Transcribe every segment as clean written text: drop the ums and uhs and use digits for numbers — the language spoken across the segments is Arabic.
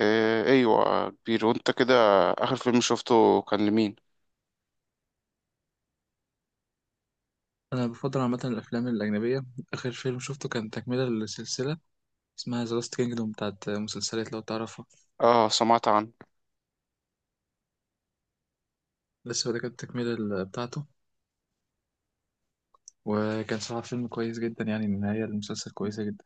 إيه ايوه كبير وانت كده. اخر فيلم شفته كان لمين؟ أنا بفضل عامة الأفلام الأجنبية. آخر فيلم شفته كان تكملة لسلسلة اسمها ذا لاست كينجدوم بتاعت مسلسلات لو تعرفها. اه سمعت عنه. لسه ده كانت التكملة بتاعته. وكان صراحة فيلم كويس جدا، يعني النهاية المسلسل كويسة جدا.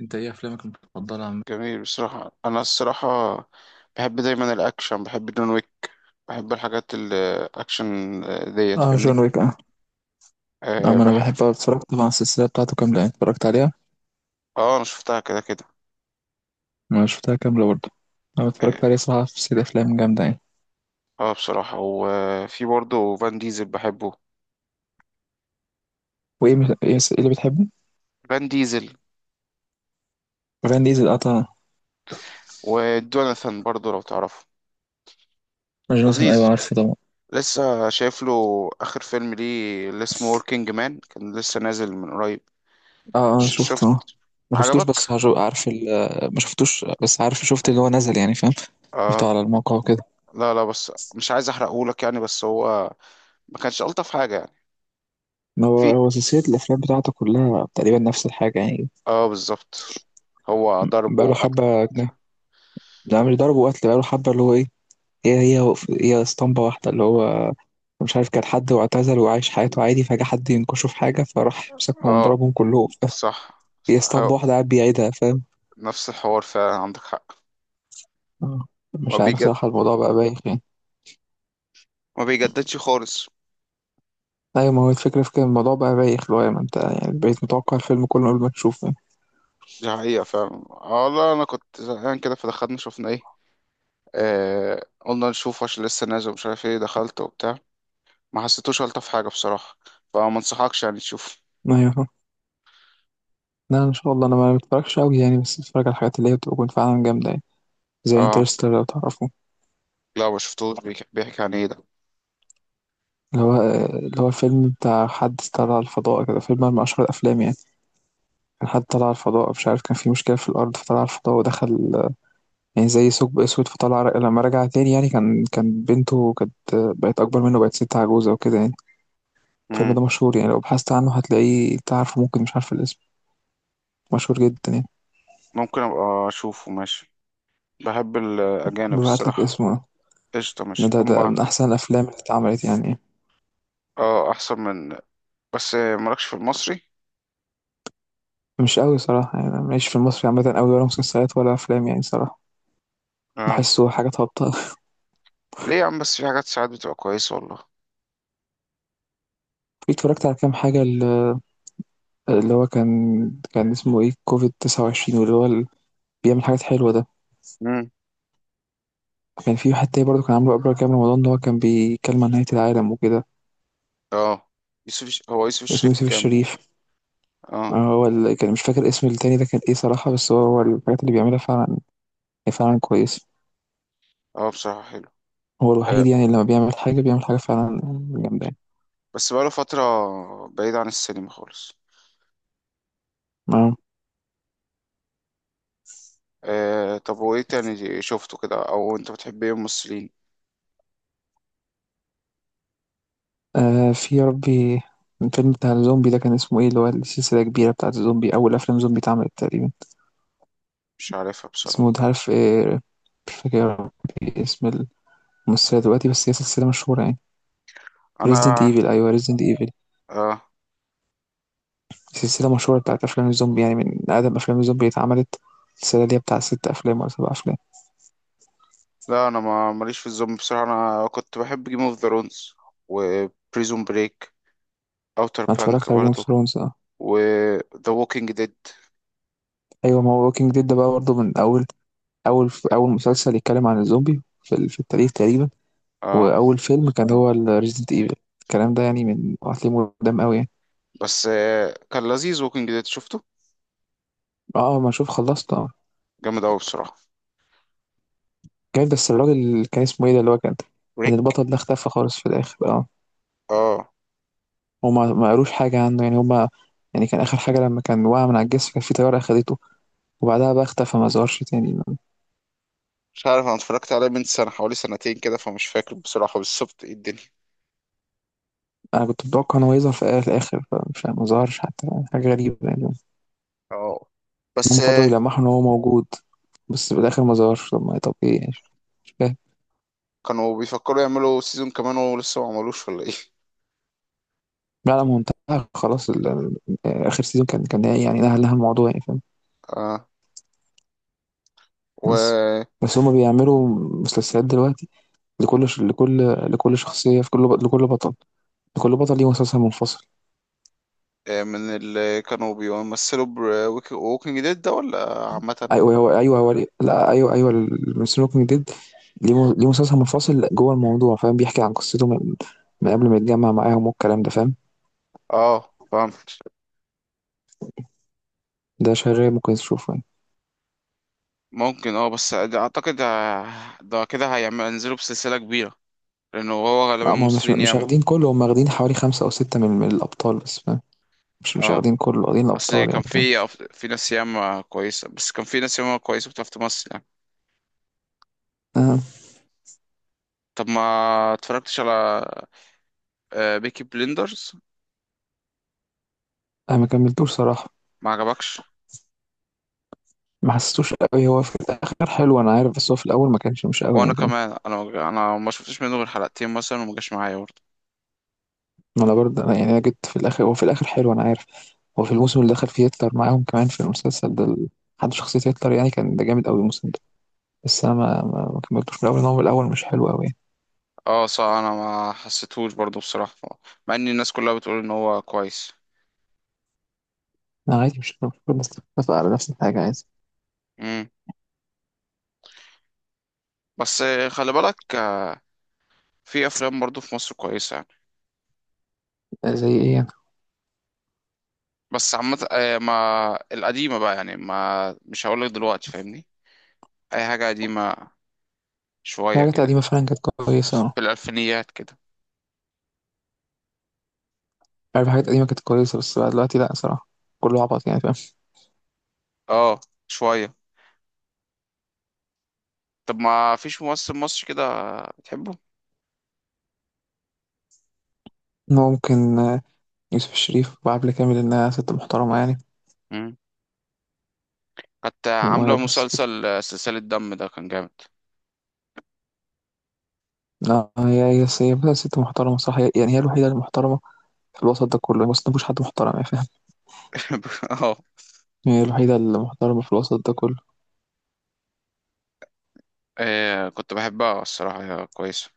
أنت إيه أفلامك المفضلة عامة؟ جميل بصراحة. انا الصراحة بحب دايما الاكشن، بحب جون ويك، بحب الحاجات الاكشن. ديت اه، فاهمني. جون ويك اه. اه نعم انا بح... بحبها، اتفرجت طبعا السلسله بتاعته كامله، يعني اتفرجت عليها. اه انا شفتها كده كده. انا شفتها كامله برضه. انا اه اتفرجت عليها صراحه، في سلسله افلام جامده يعني. بصراحة وفي برضه فان ديزل بحبه. وايه مس- ايه س- إيه اللي بتحبه؟ فان ديزل فان ديزل اه طبعا. ودوناثان برضه لو تعرفه. جونسون لذيذ. ايوه عارفه طبعا. لسه شايف له اخر فيلم ليه اللي اسمه وركينج مان، كان لسه نازل من قريب. اه اه شفته شفت؟ اه. ما شفتوش عجبك؟ بس عارف ال. ما شفتوش بس عارف شفت اللي هو نزل يعني فاهم. شفته على اه الموقع وكده. لا لا، بس مش عايز احرقهولك يعني. بس هو ما كانش الطف حاجه يعني. ما هو في، هو سلسلة الأفلام بتاعته كلها تقريبا نفس الحاجة يعني. اه بالظبط. هو ضرب بقاله وقتل. حبة ده مش ضرب وقتل بقاله حبة اللي هو إيه. هي هي هي اسطمبة واحدة اللي هو مش عارف، كان حد واعتزل وعايش حياته عادي، فجأة حد ينكشه في حاجة فراح مسكهم اه ضربهم كلهم فاهم. صح. هي هو اسطمبة واحدة قاعد بيعيدها فاهم. نفس الحوار فعلا، عندك حق. آه. ما مش عارف بيجد صراحة، الموضوع بقى بايخ يعني. ما بيجددش خالص. ايوه، ما هو الفكرة في كده، الموضوع بقى بايخ، اللي هو ما انت يعني بقيت متوقع الفيلم كله قبل ما تشوفه. دي حقيقة فعلا. اه لا انا كنت زهقان كده فدخلنا شفنا ايه. آه قلنا نشوف عشان لسه نازل، مش عارف ايه، دخلت وبتاع. ما حسيتوش الطف حاجة بصراحة، فما انصحكش يعني تشوف. ايوه فاهم. لا ان شاء الله، انا ما بتفرجش قوي يعني، بس بتفرج على الحاجات اللي هي بتكون فعلا جامدة يعني. زي اه انترستيلر لو تعرفه. لا ما شفتوش. بيحكي عن ايه اللي هو الفيلم بتاع حد طلع على الفضاء كده، فيلم من اشهر الافلام يعني. كان حد طلع على الفضاء، مش عارف كان في مشكلة في الارض فطلع على الفضاء، ودخل يعني زي ثقب اسود، فطلع لما رجع تاني يعني كان بنته كانت بقت اكبر منه، بقت ست عجوزة وكده يعني. الفيلم ده؟ ده مشهور يعني، لو بحثت عنه هتلاقيه، تعرفه ممكن، مش عارف الاسم. مشهور جدا يعني. ممكن ابقى اشوفه ماشي، بحب الاجانب ببعت لك الصراحه. اسمه. قشطه ده, ماشي ده ده هما. من احسن الافلام اللي اتعملت يعني. اه احسن من، بس مالكش في المصري. مش قوي صراحه، يعني انا ماليش في المصري عامه قوي، ولا مسلسلات ولا افلام يعني صراحه. اه بحسه حاجات هابطه. ليه يا عم، بس في حاجات ساعات بتبقى كويس والله. اتفرجت على كام حاجه اللي هو كان اسمه ايه كوفيد 29، واللي هو بيعمل حاجات حلوه ده. امم. كان في واحد تاني برضه كان عامله قبل كام رمضان، اللي هو كان بيتكلم عن نهايه العالم وكده. اه يوسف هو يوسف كان اسمه الشريف يوسف كامل. الشريف. اه. هو كان مش فاكر اسم التاني ده كان ايه صراحه، بس هو الحاجات اللي بيعملها فعلا فعلا كويسه. اه بصراحه حلو. هو آه. الوحيد يعني، اللي لما بيعمل حاجه بيعمل حاجه فعلا جامده يعني. بس بقاله فتره بعيد عن السينما خالص. آه. آه. طب وايه تاني شفته كده، او انت بتحب ايه ممثلين؟ آه في يا ربي. الفيلم بتاع الزومبي ده كان اسمه ايه، اللي هو السلسلة الكبيرة بتاعت الزومبي، أول أفلام زومبي اتعملت تقريبا. مش عارفها بصراحه. اسمه ده عارف ايه. مش فاكر يا ربي اسم الممثلة دلوقتي، بس هي سلسلة مشهورة يعني. ريزيدنت انا. ايفل، أيوه ريزيدنت ايفل. اه سلسلة مشهورة بتاعت أفلام الزومبي يعني، من أقدم أفلام الزومبي اتعملت. السلسلة دي بتاع 6 أفلام ولا 7 أفلام. لا انا ما ماليش في الزومبي بصراحه. انا كنت بحب جيم اوف ذا رونز وبريزون بريك، اوتر أنا بانك اتفرجت على جيم اوف برضو، ثرونز اه. وذا ووكينج ديد. أيوه، ما هو ووكينج ديد ده بقى برضه من أول، أول مسلسل يتكلم عن الزومبي في التاريخ تقريبا. اه واول فيلم كان هو ريزيدنت ايفل. الكلام ده يعني من هتلاقيه قدام قوي يعني. بس كان لذيذ ووكينج ديد شفته، اه ما اشوف خلصت اه. جامد قوي بصراحه. جامد، بس الراجل اللي كان اسمه ايه ده، اللي هو كان، كان ريك. البطل ده اختفى خالص في الاخر اه. اه هما ما قالوش حاجه عنه يعني هما. يعني كان اخر حاجه، لما كان وقع من على الجسر، كان في طياره اخدته، وبعدها بقى اختفى ما ظهرش تاني. مش عارف، انا اتفرجت عليه من سنه حوالي سنتين كده فمش فاكر بصراحه بالظبط ايه الدنيا. انا كنت متوقع ان هو يظهر في الاخر، فمش ما ظهرش حتى. حاجه غريبه يعني، ان اه بس هم فضلوا يلمحوا ان هو موجود، بس في الاخر ما ظهرش. طب طب ايه يعني. مش فاهم. كانوا بيفكروا يعملوا سيزون كمان ولسه ما عملوش ولا ايه؟ بقى على منتهى خلاص يعني اخر سيزون، كان يعني نهى لها الموضوع يعني فاهم. اه. بس و بس هما بيعملوا مسلسلات دلوقتي، لكل لكل شخصيه، في كل لكل بطل ليه مسلسل منفصل. من اللي كانوا بيمثلوا بوكينج ديد ده، ولا عامة؟ ايوه هو، ايوه هو. لا ايوه، ايوه السموكينج ديد. ليه ليه مسلسل منفصل جوه الموضوع، فاهم، بيحكي عن قصته من قبل ما يتجمع معاهم والكلام ده فاهم. اه فهمت. ده شغال، ممكن تشوفه يعني. ممكن اه، بس ده اعتقد ده كده هيعمل، ينزلوا بسلسلة كبيرة، لانه هو غالبا هما مش مسلمين مش ياما. واخدين كله، هما واخدين حوالي 5 أو 6 من الأبطال بس، فاهم. مش اه. واخدين كله، واخدين اصل الأبطال كان يعني فاهم. في، في ناس ياما كويسة، بس كان في ناس ياما كويسة بتعرف تمثل يعني. آه. طب ما اتفرجتش على بيكي بليندرز؟ انا ما كملتوش صراحه. ما عجبكش. ما حسيتوش قوي، هو في الاخر حلو انا عارف، بس هو في الاول ما كانش مش قوي وانا يعني كمان. كمان، انا ما شفتش منه غير حلقتين مثلا وما جاش معايا برضه. ما انا برضه، أنا يعني انا جيت في الاخر، هو في الاخر حلو انا عارف. هو في الموسم اللي دخل فيه هتلر معاهم كمان في المسلسل ده، حد شخصيه هتلر يعني، كان ده جامد قوي الموسم ده. بس انا ما كملتوش من الاول، إن هو من الاول مش حلو قوي يعني. اه صح انا ما حسيتهوش برضه بصراحة، مع ان الناس كلها بتقول ان هو كويس. انا عادي، مش كل الناس بتتفق على نفس الحاجه، عادي. امم. بس خلي بالك في افلام برضو في مصر كويسه يعني. زي ايه يعني. بس عامه ما القديمه بقى يعني، ما مش هقول لك دلوقتي فاهمني، اي حاجه قديمه في شويه حاجات قديمه كده، فعلا كانت كويسه. في الالفينيات كده. عارف، حاجات قديمه كانت كويسه، بس بقى دلوقتي لا صراحه. كله عبط يعني فاهم. اه شويه. طب ما فيش ممثل مصري كده بتحبه؟ ممكن، يوسف الشريف وعبلة كامل، انها ست محترمه يعني. مم. كانت عامله وبس كده. مسلسل سلسله دم ده كان جامد. لا، هي بقى ست محترمة صح، يعني هي الوحيدة المحترمة في الوسط ده كله، بس مفيش حد محترم يعني فاهم. اه. هي الوحيدة المحترمة في الوسط ده كله. كنت بحبها الصراحه، هي كويسه.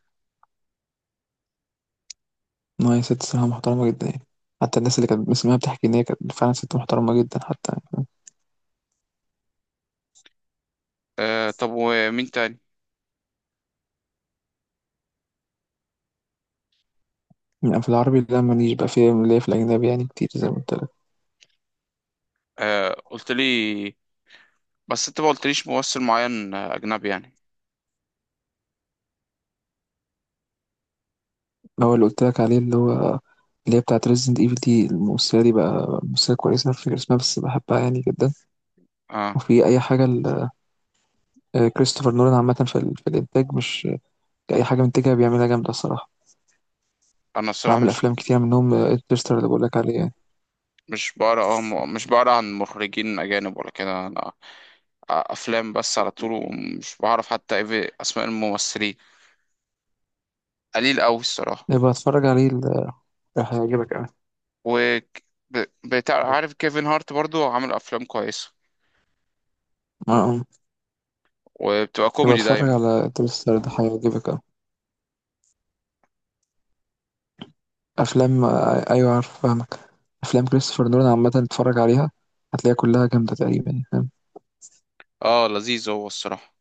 إن هي ست صراحة محترمة جدا يعني. حتى الناس اللي كانت بتسمعها بتحكي إن هي كانت فعلا ست محترمة جدا حتى يعني. طب ومين تاني؟ يعني في العربي لا، ماليش بقى، في ليا في الأجنبي يعني كتير زي ما قلت لك. قلت لي، بس انت ما قلتليش ممثل معين اجنبي يعني. هو اللي قلت لك عليه، اللي هو اللي هي بتاعت ريزنت ايفل دي، الممثلة دي بقى ممثلة كويسة، مش فاكر اسمها بس بحبها يعني جدا. اه. وفي أي حاجة كريستوفر نولان عامة، في الإنتاج، مش أي حاجة منتجها بيعملها جامدة الصراحة. انا الصراحه بعمل أفلام كتير منهم انترستر اللي بقولك عليه يعني. مش بقرا. مش بقرا عن مخرجين اجانب ولا كده انا، افلام بس على طول، ومش بعرف حتى ايه في اسماء الممثلين، قليل قوي الصراحه. يبقى اتفرج عليه، هيعجبك أوي. و بتاع، عارف كيفن هارت برضو عامل افلام كويسه، اه آه. وبتبقى يبقى كوميدي اتفرج دايما. على انترستر ده، هيعجبك أوي. أفلام، أيوة عارف فاهمك. أفلام كريستوفر نولان عامة اتفرج عليها، هتلاقيها كلها جامدة تقريبا يعني، فاهم. اه لذيذ هو الصراحه.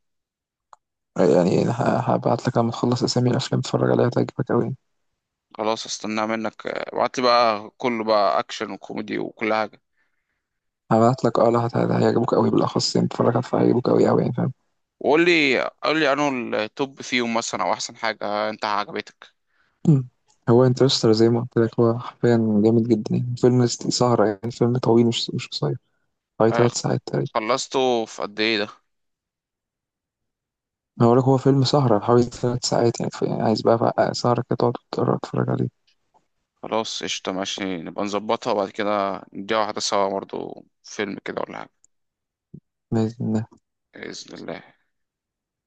يعني هبعت لك لما تخلص أسامي الأفلام، اتفرج عليها هتعجبك أوي يعني. خلاص، استناه منك، ابعت لي بقى، كله بقى اكشن وكوميدي وكل حاجه. هبعت لك اه، لا هيعجبك أوي بالأخص يعني، اتفرج عليها هيعجبك أوي أوي يعني فاهم. وقول لي انه التوب فيهم مثلا، او احسن حاجه انت عجبتك. مم. هو انترستر زي ما قلت لك هو حرفيا جامد جدا يعني، فيلم سهرة يعني، فيلم طويل مش قصير، حوالي آه، 3 ساعات تقريبا. خلصته في قد ايه ده؟ هقول لك هو فيلم سهرة، حوالي 3 ساعات يعني، يعني عايز بقى سهرة كده، تقعد تتفرج عليه. خلاص قشطة ماشي، نبقى نظبطها وبعد كده نديها واحدة سوا برضه فيلم كده ولا حاجة، ما بإذن الله.